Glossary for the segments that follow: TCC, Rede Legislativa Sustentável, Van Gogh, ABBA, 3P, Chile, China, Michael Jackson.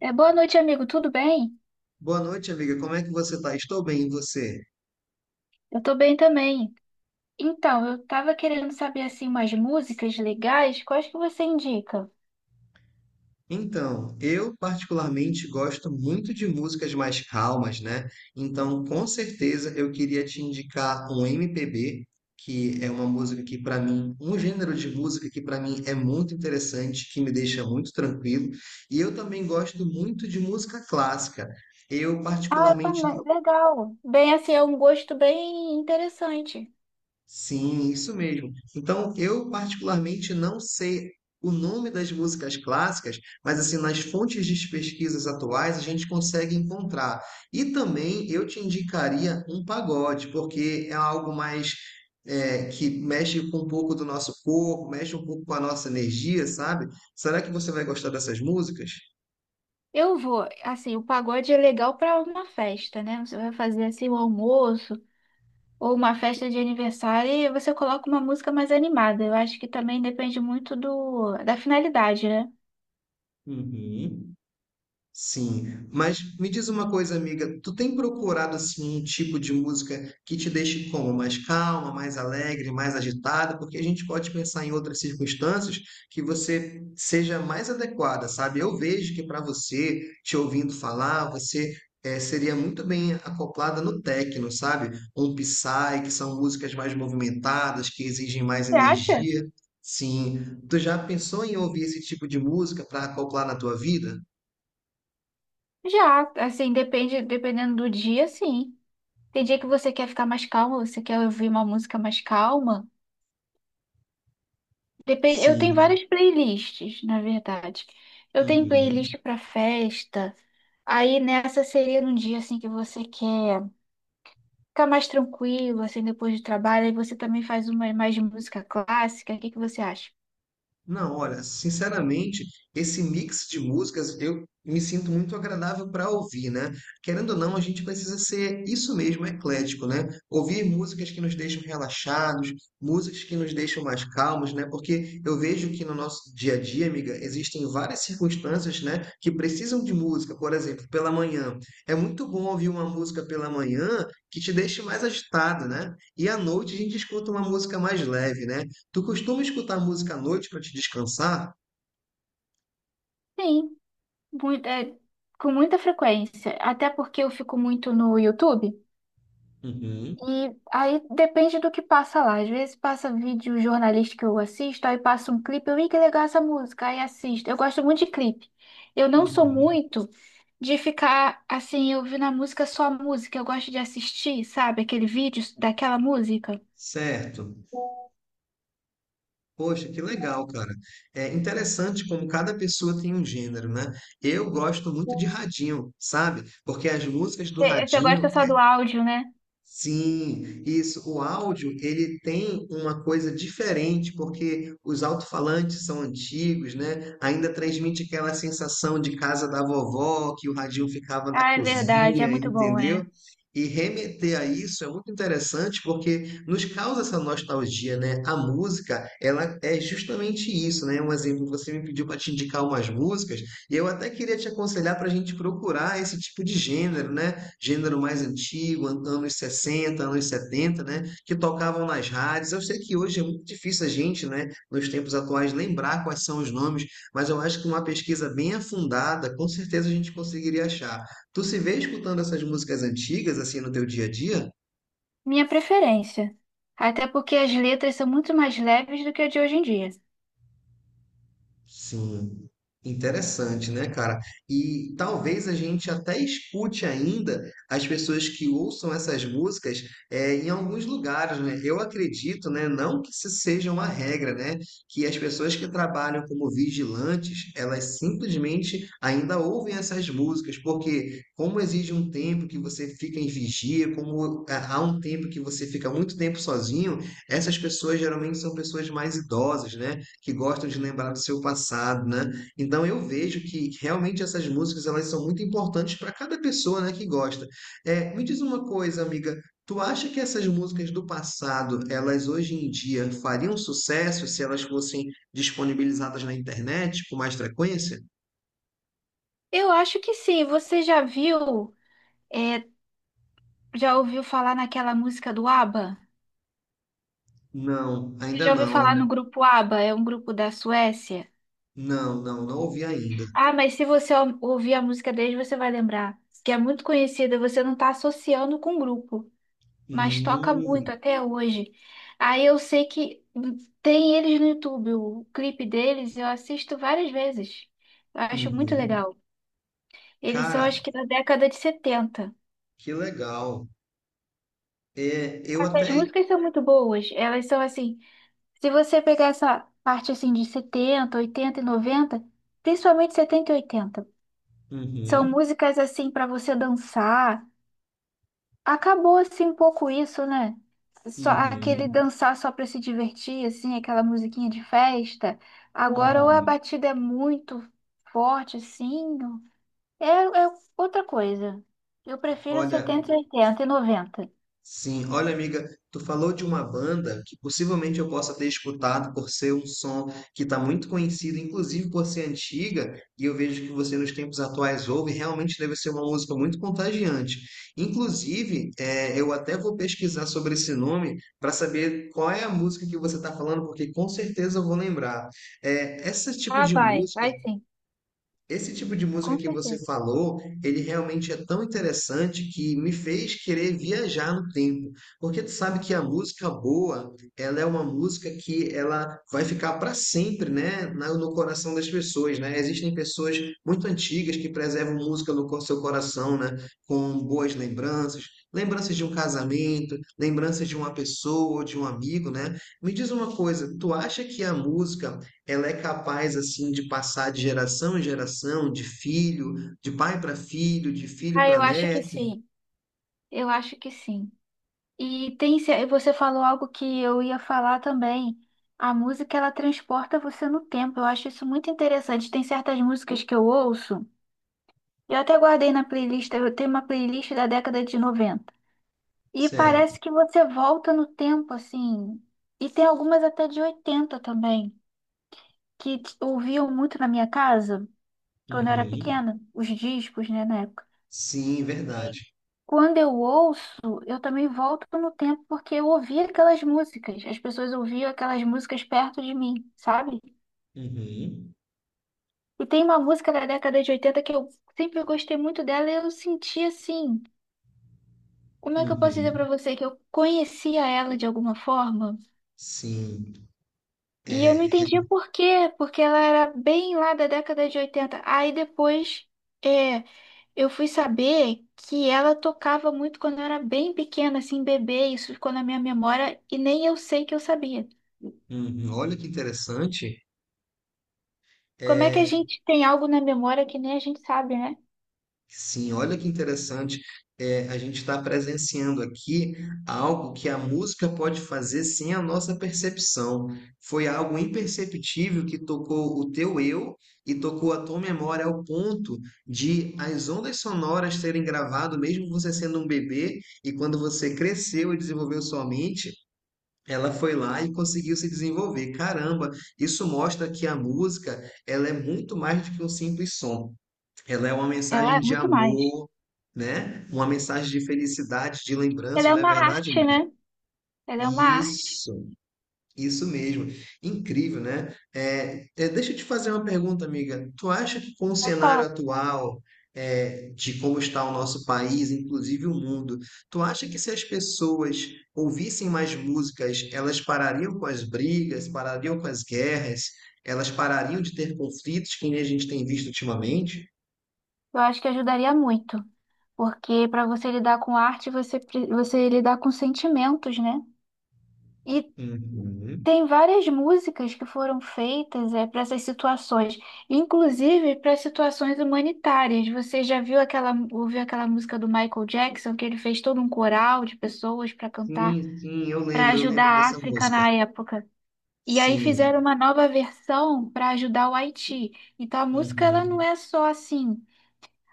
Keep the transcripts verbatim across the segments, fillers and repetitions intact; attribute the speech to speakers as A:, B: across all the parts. A: É, boa noite, amigo. Tudo bem?
B: Boa noite, amiga. Como é que você tá? Estou bem, e você?
A: Eu tô bem também. Então, eu tava querendo saber assim umas músicas legais. Quais que você indica?
B: Então, eu particularmente gosto muito de músicas mais calmas, né? Então, com certeza eu queria te indicar um M P B, que é uma música que para mim, um gênero de música que para mim é muito interessante, que me deixa muito tranquilo. E eu também gosto muito de música clássica. Eu
A: Ah, eu
B: particularmente.
A: também. Legal. Bem, assim, é um gosto bem interessante.
B: Sim, isso mesmo. Então, eu particularmente não sei o nome das músicas clássicas, mas assim, nas fontes de pesquisas atuais a gente consegue encontrar. E também eu te indicaria um pagode, porque é algo mais é, que mexe com um pouco do nosso corpo, mexe um pouco com a nossa energia, sabe? Será que você vai gostar dessas músicas?
A: Eu vou, assim, o pagode é legal para uma festa, né? Você vai fazer assim um almoço ou uma festa de aniversário e você coloca uma música mais animada. Eu acho que também depende muito do da finalidade, né?
B: Uhum. Sim, mas me diz uma coisa, amiga, tu tem procurado assim um tipo de música que te deixe como mais calma, mais alegre, mais agitada, porque a gente pode pensar em outras circunstâncias que você seja mais adequada, sabe? Eu vejo que para você, te ouvindo falar, você eh, seria muito bem acoplada no techno, sabe? Um Psy, que são músicas mais movimentadas, que exigem mais
A: Você acha?
B: energia. Sim, tu já pensou em ouvir esse tipo de música para acoplar na tua vida?
A: Já, assim, depende, dependendo do dia, sim. Tem dia que você quer ficar mais calma, você quer ouvir uma música mais calma. Depende, eu tenho
B: Sim.
A: várias playlists, na verdade. Eu tenho
B: Uhum.
A: playlist para festa. Aí nessa seria num dia assim que você quer ficar mais tranquilo, assim, depois do trabalho. Aí você também faz uma mais de música clássica. O que que você acha?
B: Não, olha, sinceramente, esse mix de músicas eu me sinto muito agradável para ouvir, né? Querendo ou não, a gente precisa ser isso mesmo, eclético, né? Ouvir músicas que nos deixam relaxados, músicas que nos deixam mais calmos, né? Porque eu vejo que no nosso dia a dia, amiga, existem várias circunstâncias, né, que precisam de música. Por exemplo, pela manhã. É muito bom ouvir uma música pela manhã que te deixe mais agitado, né? E à noite a gente escuta uma música mais leve, né? Tu costuma escutar música à noite para te descansar?
A: Sim, muito, é, com muita frequência. Até porque eu fico muito no YouTube.
B: Uhum,
A: E aí depende do que passa lá. Às vezes passa vídeo jornalístico que eu assisto, aí passa um clipe, eu, ih, que legal essa música, aí assisto. Eu gosto muito de clipe. Eu não sou
B: uhum.
A: muito de ficar assim, ouvindo a música só a música. Eu gosto de assistir, sabe, aquele vídeo daquela música.
B: Certo. Poxa, que legal, cara. É interessante como cada pessoa tem um gênero, né? Eu gosto muito de radinho, sabe? Porque as músicas do
A: Você você gosta
B: radinho.
A: só do áudio, né?
B: Sim, isso. O áudio, ele tem uma coisa diferente, porque os alto-falantes são antigos, né? Ainda transmite aquela sensação de casa da vovó, que o radinho ficava na
A: Ah, é verdade, é
B: cozinha,
A: muito bom,
B: entendeu?
A: é.
B: E remeter a isso é muito interessante porque nos causa essa nostalgia, né? A música, ela é justamente isso, né? Um exemplo, você me pediu para te indicar umas músicas, e eu até queria te aconselhar para a gente procurar esse tipo de gênero, né? Gênero mais antigo, anos sessenta, anos setenta, né? Que tocavam nas rádios. Eu sei que hoje é muito difícil a gente, né, nos tempos atuais, lembrar quais são os nomes, mas eu acho que uma pesquisa bem afundada, com certeza a gente conseguiria achar. Tu se vê escutando essas músicas antigas, assim, no teu dia a dia?
A: Minha preferência. Até porque as letras são muito mais leves do que a de hoje em dia.
B: Sim, interessante, né, cara? E talvez a gente até escute ainda as pessoas que ouçam essas músicas eh, em alguns lugares, né? Eu acredito, né, não que isso seja uma regra, né, que as pessoas que trabalham como vigilantes, elas simplesmente ainda ouvem essas músicas, porque como exige um tempo que você fica em vigia, como há há um tempo que você fica muito tempo sozinho, essas pessoas geralmente são pessoas mais idosas, né? Que gostam de lembrar do seu passado, né? Então eu vejo que realmente essas músicas elas são muito importantes para cada pessoa, né, que gosta. É, me diz uma coisa, amiga, tu acha que essas músicas do passado, elas hoje em dia fariam sucesso se elas fossem disponibilizadas na internet com mais frequência?
A: Eu acho que sim. Você já viu? é, Já ouviu falar naquela música do ABBA?
B: Não,
A: Você
B: ainda
A: já ouviu falar
B: não.
A: no grupo ABBA? É um grupo da Suécia.
B: Não, não, não ouvi ainda.
A: Ah, mas se você ou- ouvir a música deles, você vai lembrar. Que é muito conhecida, você não está associando com o grupo, mas toca muito
B: Hum,
A: até hoje. Aí eu sei que hum, tem eles no YouTube, o clipe deles eu assisto várias vezes. Eu acho muito
B: uhum.
A: legal. Eles são,
B: Cara,
A: acho que, da década de setenta.
B: que legal. É, eu
A: As
B: até.
A: músicas são muito boas, elas são assim. Se você pegar essa parte assim de setenta, oitenta e noventa, principalmente setenta e oitenta, são
B: Uhum,
A: músicas assim para você dançar. Acabou assim um pouco isso, né? Só aquele
B: uhum,
A: dançar só para se divertir, assim, aquela musiquinha de festa. Agora ou a
B: uhum.
A: batida é muito forte, assim, é, é outra coisa. Eu prefiro
B: Olha,
A: setenta, oitenta e noventa.
B: sim, olha, amiga, tu falou de uma banda que possivelmente eu possa ter escutado por ser um som que está muito conhecido, inclusive por ser antiga, e eu vejo que você nos tempos atuais ouve, realmente deve ser uma música muito contagiante. Inclusive, eh, eu até vou pesquisar sobre esse nome para saber qual é a música que você está falando, porque com certeza eu vou lembrar. Eh, esse tipo
A: Ah,
B: de
A: vai,
B: música
A: vai sim,
B: esse tipo de música
A: com
B: que você
A: certeza.
B: falou, ele realmente é tão interessante que me fez querer viajar no tempo, porque tu sabe que a música boa, ela é uma música que ela vai ficar para sempre, né, na- no coração das pessoas, né? Existem pessoas muito antigas que preservam música no co- seu coração, né, com boas lembranças, lembranças de um casamento, lembranças de uma pessoa, de um amigo, né? Me diz uma coisa, tu acha que a música ela é capaz assim de passar de geração em geração, de filho, de pai para filho, de filho
A: Ah,
B: para
A: eu acho que
B: neto,
A: sim. Eu acho que sim. E tem, ce- você falou algo que eu ia falar também. A música, ela transporta você no tempo. Eu acho isso muito interessante. Tem certas músicas que eu ouço. Eu até guardei na playlist, eu tenho uma playlist da década de noventa. E
B: certo?
A: parece que você volta no tempo, assim. E tem algumas até de oitenta também, que t- ouviam muito na minha casa quando eu era
B: Uhum.
A: pequena, os discos, né, na época.
B: Sim, verdade.
A: Quando eu ouço, eu também volto no tempo porque eu ouvi aquelas músicas. As pessoas ouviam aquelas músicas perto de mim, sabe?
B: Uhum.
A: E tem uma música da década de oitenta que eu sempre gostei muito dela e eu senti assim. Como é que eu posso dizer pra
B: Uhum.
A: você que eu conhecia ela de alguma forma?
B: Sim,
A: E eu não
B: é.
A: entendia por quê, porque ela era bem lá da década de oitenta. Aí depois, é, eu fui saber que ela tocava muito quando eu era bem pequena, assim, bebê, isso ficou na minha memória e nem eu sei que eu sabia.
B: Uhum. Olha que interessante.
A: Como é que a
B: É,
A: gente tem algo na memória que nem a gente sabe, né?
B: sim, olha que interessante. É, a gente está presenciando aqui algo que a música pode fazer sem a nossa percepção. Foi algo imperceptível que tocou o teu eu e tocou a tua memória ao ponto de as ondas sonoras terem gravado, mesmo você sendo um bebê, e quando você cresceu e desenvolveu sua mente, ela foi lá e conseguiu se desenvolver. Caramba, isso mostra que a música, ela é muito mais do que um simples som. Ela é uma
A: Ela
B: mensagem
A: é
B: de
A: muito mais.
B: amor, né? Uma mensagem de felicidade, de
A: Ela
B: lembranças,
A: é
B: não é
A: uma
B: verdade,
A: arte,
B: amiga?
A: né? Ela é uma arte.
B: Isso, isso mesmo. Incrível, né? É, é, deixa eu te fazer uma pergunta, amiga. Tu acha que com o
A: Pode
B: cenário
A: falar.
B: atual, é, de como está o nosso país, inclusive o mundo, tu acha que se as pessoas ouvissem mais músicas, elas parariam com as brigas, parariam com as guerras, elas parariam de ter conflitos que nem a gente tem visto ultimamente?
A: Eu acho que ajudaria muito, porque para você lidar com arte, você, pre- você lidar com sentimentos, né? E
B: Uhum.
A: tem várias músicas que foram feitas é, para essas situações, inclusive para situações humanitárias. Você já viu aquela, ouviu aquela música do Michael Jackson, que ele fez todo um coral de pessoas para cantar,
B: Sim, sim, eu
A: para
B: lembro, eu
A: ajudar
B: lembro
A: a
B: dessa
A: África
B: música.
A: na época? E aí fizeram
B: Sim,
A: uma nova versão para ajudar o Haiti. Então a música ela não
B: uhum,
A: é só assim.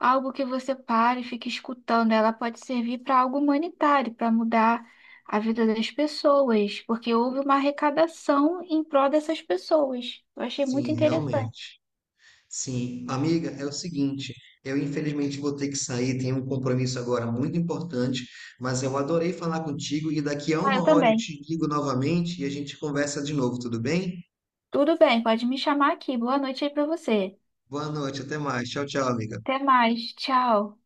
A: Algo que você pare e fique escutando, ela pode servir para algo humanitário, para mudar a vida das pessoas, porque houve uma arrecadação em prol dessas pessoas. Eu achei muito
B: sim,
A: interessante.
B: realmente. Sim, amiga, é o seguinte, eu infelizmente vou ter que sair, tenho um compromisso agora muito importante, mas eu adorei falar contigo e daqui a
A: Ah, eu
B: uma hora eu
A: também.
B: te ligo novamente e a gente conversa de novo, tudo bem?
A: Tudo bem, pode me chamar aqui. Boa noite aí para você.
B: Boa noite, até mais. Tchau, tchau, amiga.
A: Até mais. Tchau.